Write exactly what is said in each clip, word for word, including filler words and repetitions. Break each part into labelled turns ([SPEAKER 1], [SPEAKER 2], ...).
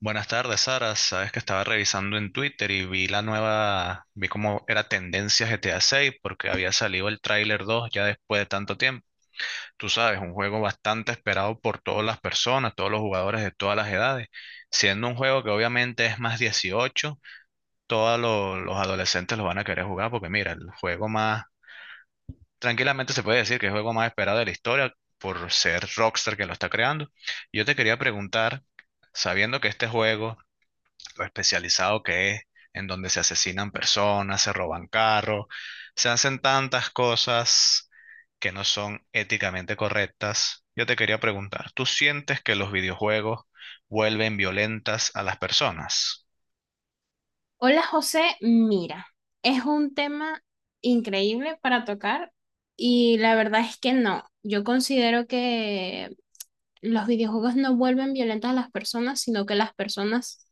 [SPEAKER 1] Buenas tardes, Sara. Sabes que estaba revisando en Twitter y vi la nueva, vi cómo era tendencia G T A seis porque había salido el tráiler dos ya después de tanto tiempo. Tú sabes, un juego bastante esperado por todas las personas, todos los jugadores de todas las edades, siendo un juego que obviamente es más dieciocho, todos lo- los adolescentes lo van a querer jugar porque mira, el juego más, tranquilamente se puede decir que es el juego más esperado de la historia por ser Rockstar que lo está creando. Yo te quería preguntar, sabiendo que este juego especializado que es, en donde se asesinan personas, se roban carros, se hacen tantas cosas que no son éticamente correctas. Yo te quería preguntar, ¿tú sientes que los videojuegos vuelven violentas a las personas?
[SPEAKER 2] Hola José, mira, es un tema increíble para tocar y la verdad es que no, yo considero que los videojuegos no vuelven violentas a las personas, sino que las personas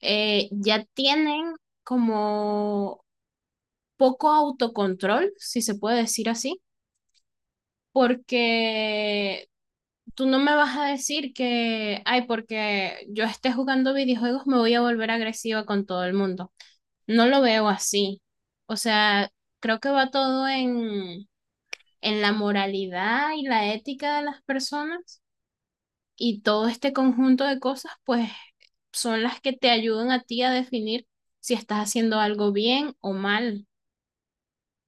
[SPEAKER 2] eh, ya tienen como poco autocontrol, si se puede decir así, porque tú no me vas a decir que, ay, porque yo esté jugando videojuegos me voy a volver agresiva con todo el mundo. No lo veo así. O sea, creo que va todo en, en la moralidad y la ética de las personas y todo este conjunto de cosas, pues son las que te ayudan a ti a definir si estás haciendo algo bien o mal.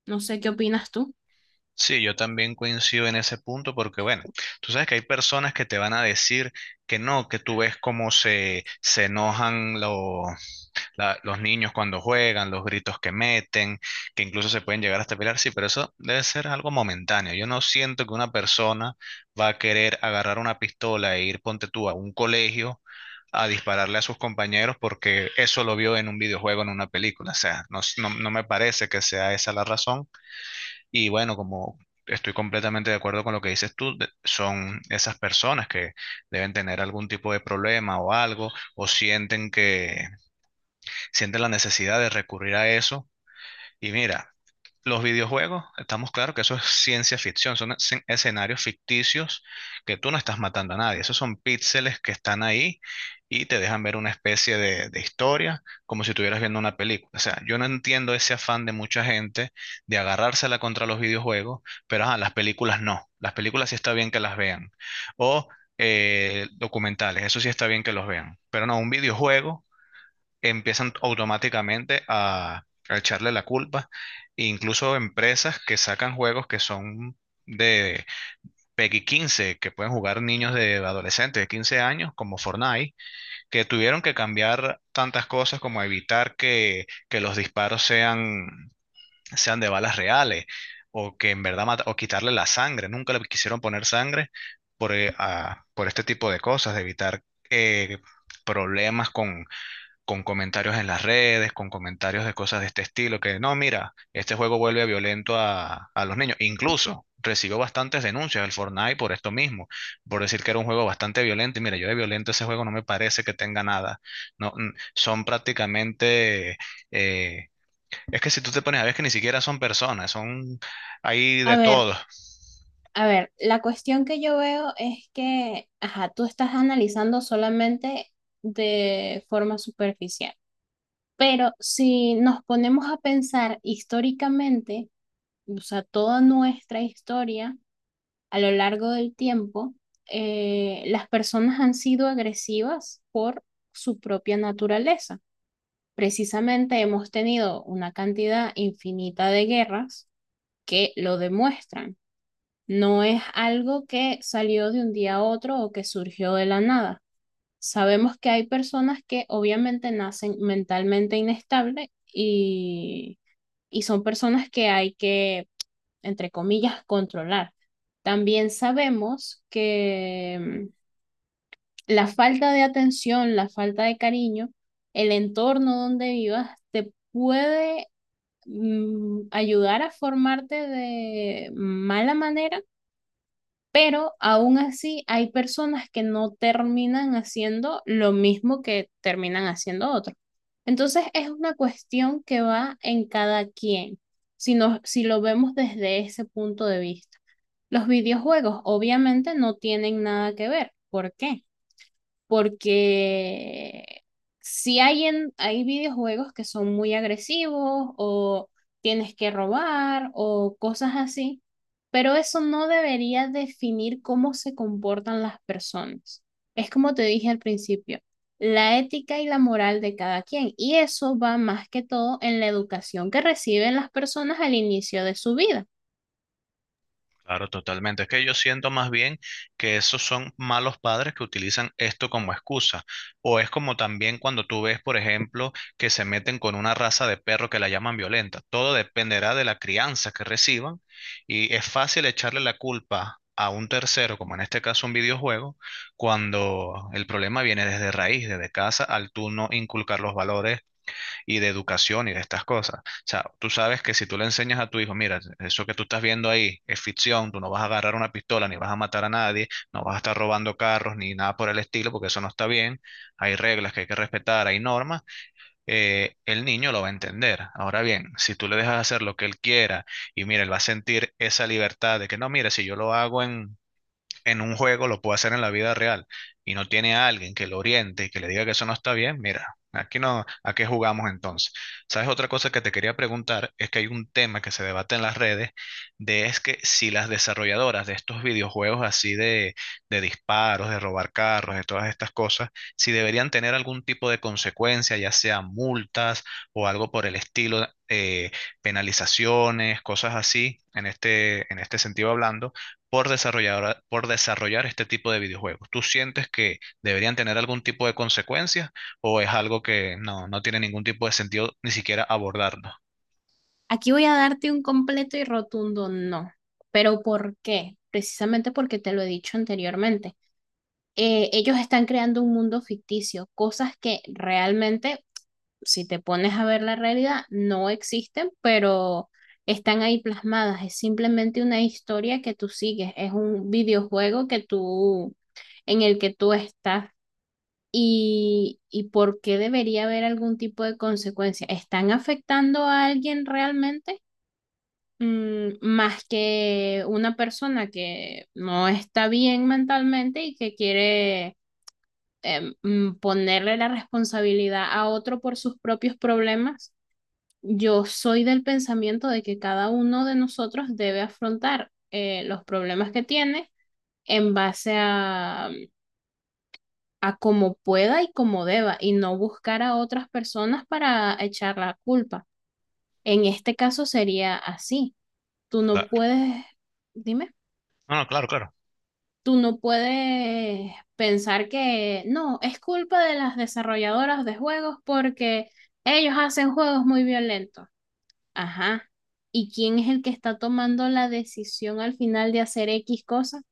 [SPEAKER 2] No sé qué opinas tú.
[SPEAKER 1] Sí, yo también coincido en ese punto porque, bueno, tú sabes que hay personas que te van a decir que no, que tú ves cómo se, se enojan los la- los niños cuando juegan, los gritos que meten, que incluso se pueden llegar hasta pelear, sí, pero eso debe ser algo momentáneo. Yo no siento que una persona va a querer agarrar una pistola e ir, ponte tú, a un colegio a dispararle a sus compañeros porque eso lo vio en un videojuego, en una película. O sea, no, s- no, no me parece que sea esa la razón. Y bueno, como... Estoy completamente de acuerdo con lo que dices tú. de- Son esas personas que deben tener algún tipo de problema o algo, o sienten que, siente la necesidad de recurrir a eso. Y mira, los videojuegos, estamos claros que eso es ciencia ficción, son escen- escenarios ficticios que tú no estás matando a nadie, esos son píxeles que están ahí y te dejan ver una especie de, de historia como si estuvieras viendo una película. O sea, yo no entiendo ese afán de mucha gente de agarrársela contra los videojuegos, pero ajá, las películas no, las películas sí está bien que las vean. O eh, documentales, eso sí está bien que los vean, pero no, un videojuego empiezan automáticamente a, a echarle la culpa. E incluso empresas que sacan juegos que son de PEGI quince que pueden jugar niños de adolescentes de quince años, como Fortnite, que tuvieron que cambiar tantas cosas como evitar que, que los disparos sean, sean de balas reales o que en verdad mata- o quitarle la sangre. Nunca le quisieron poner sangre por, eh, a- por este tipo de cosas, de evitar eh, problemas con, con comentarios en las redes, con comentarios de cosas de este estilo, que no, mira, este juego vuelve violento a, a los niños. Incluso recibió bastantes denuncias el Fortnite por esto mismo, por decir que era un juego bastante violento. Y mira, yo de violento ese juego no me parece que tenga nada. No, mm, son prácticamente, eh, es que si tú te pones a ver es que ni siquiera son personas, son ahí
[SPEAKER 2] A
[SPEAKER 1] de
[SPEAKER 2] ver,
[SPEAKER 1] todo.
[SPEAKER 2] a ver, la cuestión que yo veo es que, ajá, tú estás analizando solamente de forma superficial, pero si nos ponemos a pensar históricamente, o sea, toda nuestra historia a lo largo del tiempo, eh, las personas han sido agresivas por su propia naturaleza. Precisamente hemos tenido una cantidad infinita de guerras que lo demuestran. No es algo que salió de un día a otro o que surgió de la nada. Sabemos que hay personas que obviamente nacen mentalmente inestables y, y son personas que hay que, entre comillas, controlar. También sabemos que mm, la falta de atención, la falta de cariño, el entorno donde vivas te puede, mm, ayudar a formarte de mala manera, pero aún así hay personas que no terminan haciendo lo mismo que terminan haciendo otros. Entonces es una cuestión que va en cada quien, si, nos, si lo vemos desde ese punto de vista. Los videojuegos obviamente no tienen nada que ver. ¿Por qué? Porque si hay, en, hay videojuegos que son muy agresivos o tienes que robar o cosas así, pero eso no debería definir cómo se comportan las personas. Es como te dije al principio, la ética y la moral de cada quien, y eso va más que todo en la educación que reciben las personas al inicio de su vida.
[SPEAKER 1] Claro, totalmente. Es que yo siento más bien que esos son malos padres que utilizan esto como excusa. O es como también cuando tú ves, por ejemplo, que se meten con una raza de perro que la llaman violenta. Todo dependerá de la crianza que reciban y es fácil echarle la culpa a un tercero, como en este caso un videojuego, cuando el problema viene desde raíz, desde casa, al tú no inculcar los valores y de educación y de estas cosas. O sea, tú sabes que si tú le enseñas a tu hijo, mira, eso que tú estás viendo ahí es ficción, tú no vas a agarrar una pistola ni vas a matar a nadie, no vas a estar robando carros ni nada por el estilo, porque eso no está bien, hay reglas que hay que respetar, hay normas, eh, el niño lo va a entender. Ahora bien, si tú le dejas hacer lo que él quiera y mira, él va a sentir esa libertad de que no, mira, si yo lo hago en en un juego lo puede hacer en la vida real y no tiene a alguien que lo oriente y que le diga que eso no está bien, mira, aquí no, ¿a qué jugamos entonces? ¿Sabes? Otra cosa que te quería preguntar es que hay un tema que se debate en las redes de es que si las desarrolladoras de estos videojuegos así de, de disparos, de robar carros, de todas estas cosas, si deberían tener algún tipo de consecuencia, ya sea multas o algo por el estilo, eh, penalizaciones, cosas así, en este, en este sentido hablando por desarrollar, por desarrollar este tipo de videojuegos? ¿Tú sientes que deberían tener algún tipo de consecuencias o es algo que no, no tiene ningún tipo de sentido ni siquiera abordarlo?
[SPEAKER 2] Aquí voy a darte un completo y rotundo no. ¿Pero por qué? Precisamente porque te lo he dicho anteriormente. Eh, ellos están creando un mundo ficticio, cosas que realmente, si te pones a ver la realidad, no existen, pero están ahí plasmadas. Es simplemente una historia que tú sigues, es un videojuego que tú, en el que tú estás. ¿Y, y por qué debería haber algún tipo de consecuencia? ¿Están afectando a alguien realmente? Mm, más que una persona que no está bien mentalmente y que quiere, em, mm, ponerle la responsabilidad a otro por sus propios problemas, yo soy del pensamiento de que cada uno de nosotros debe afrontar eh, los problemas que tiene en base a, a cómo pueda y cómo deba y no buscar a otras personas para echar la culpa. En este caso sería así. Tú no
[SPEAKER 1] Claro.
[SPEAKER 2] puedes, dime.
[SPEAKER 1] No, no, claro, claro.
[SPEAKER 2] Tú no puedes pensar que no, es culpa de las desarrolladoras de juegos porque ellos hacen juegos muy violentos. Ajá. ¿Y quién es el que está tomando la decisión al final de hacer X cosa?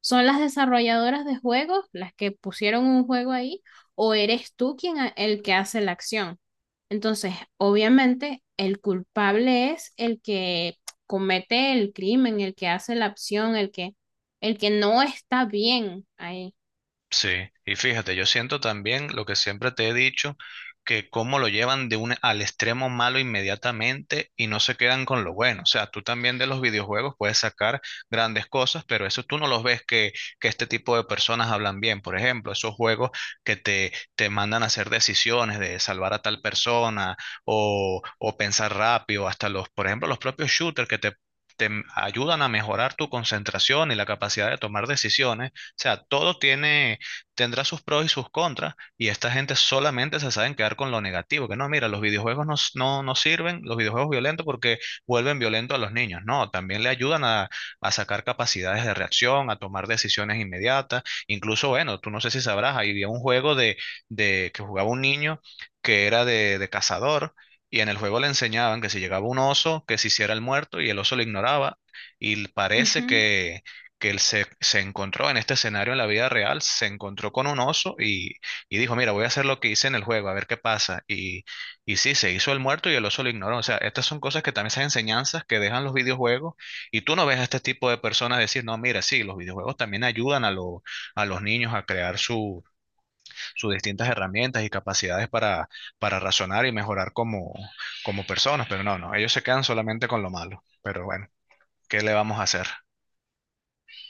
[SPEAKER 2] ¿Son las desarrolladoras de juegos las que pusieron un juego ahí o eres tú quien ha- el que hace la acción? Entonces, obviamente, el culpable es el que comete el crimen, el que hace la acción, el que, el que no está bien ahí.
[SPEAKER 1] Sí, y fíjate, yo siento también lo que siempre te he dicho, que cómo lo llevan de un al extremo malo inmediatamente y no se quedan con lo bueno. O sea, tú también de los videojuegos puedes sacar grandes cosas, pero eso tú no los ves que, que este tipo de personas hablan bien. Por ejemplo, esos juegos que te, te mandan a hacer decisiones de salvar a tal persona o, o pensar rápido, hasta los, por ejemplo, los propios shooters que te te ayudan a mejorar tu concentración y la capacidad de tomar decisiones. O sea, todo tiene tendrá sus pros y sus contras, y esta gente solamente se saben quedar con lo negativo, que no, mira, los videojuegos no, s- no, no sirven, los videojuegos violentos porque vuelven violentos a los niños, no, también le ayudan a, a sacar capacidades de reacción, a tomar decisiones inmediatas, incluso, bueno, tú no sé si sabrás, había un juego de, de que jugaba un niño que era de, de cazador. Y en el juego le enseñaban que si llegaba un oso, que se hiciera el muerto y el oso lo ignoraba. Y parece
[SPEAKER 2] Ujú.
[SPEAKER 1] que, que él se, se encontró en este escenario en la vida real, se encontró con un oso y, y dijo, mira, voy a hacer lo que hice en el juego, a ver qué pasa. Y, y sí, se hizo el muerto y el oso lo ignoró. O sea, estas son cosas que también son enseñanzas que dejan los videojuegos y tú no ves a este tipo de personas decir, no, mira, sí, los videojuegos también ayudan a, lo- a los niños a crear su, sus distintas herramientas y capacidades para, para razonar y mejorar como, como personas, pero no, no, ellos se quedan solamente con lo malo. Pero bueno, ¿qué le vamos a hacer?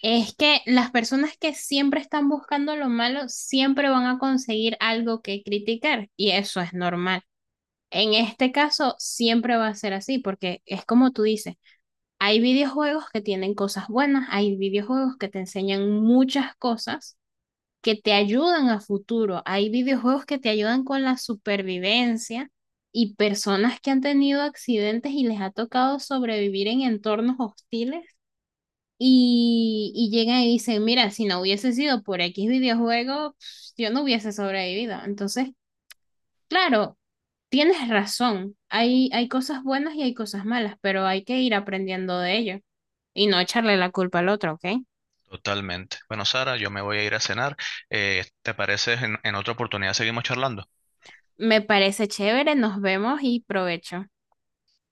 [SPEAKER 2] Es que las personas que siempre están buscando lo malo siempre van a conseguir algo que criticar y eso es normal. En este caso, siempre va a ser así porque es como tú dices. Hay videojuegos que tienen cosas buenas, hay videojuegos que te enseñan muchas cosas que te ayudan a futuro, hay videojuegos que te ayudan con la supervivencia y personas que han tenido accidentes y les ha tocado sobrevivir en entornos hostiles y, y llegan y dicen, mira, si no hubiese sido por X videojuego, pf, yo no hubiese sobrevivido. Entonces, claro, tienes razón, hay, hay cosas buenas y hay cosas malas, pero hay que ir aprendiendo de ello y no echarle la culpa al otro, ¿ok?
[SPEAKER 1] Totalmente. Bueno, Sara, yo me voy a ir a cenar. Eh, ¿te parece en en otra oportunidad seguimos charlando?
[SPEAKER 2] Me parece chévere, nos vemos y provecho.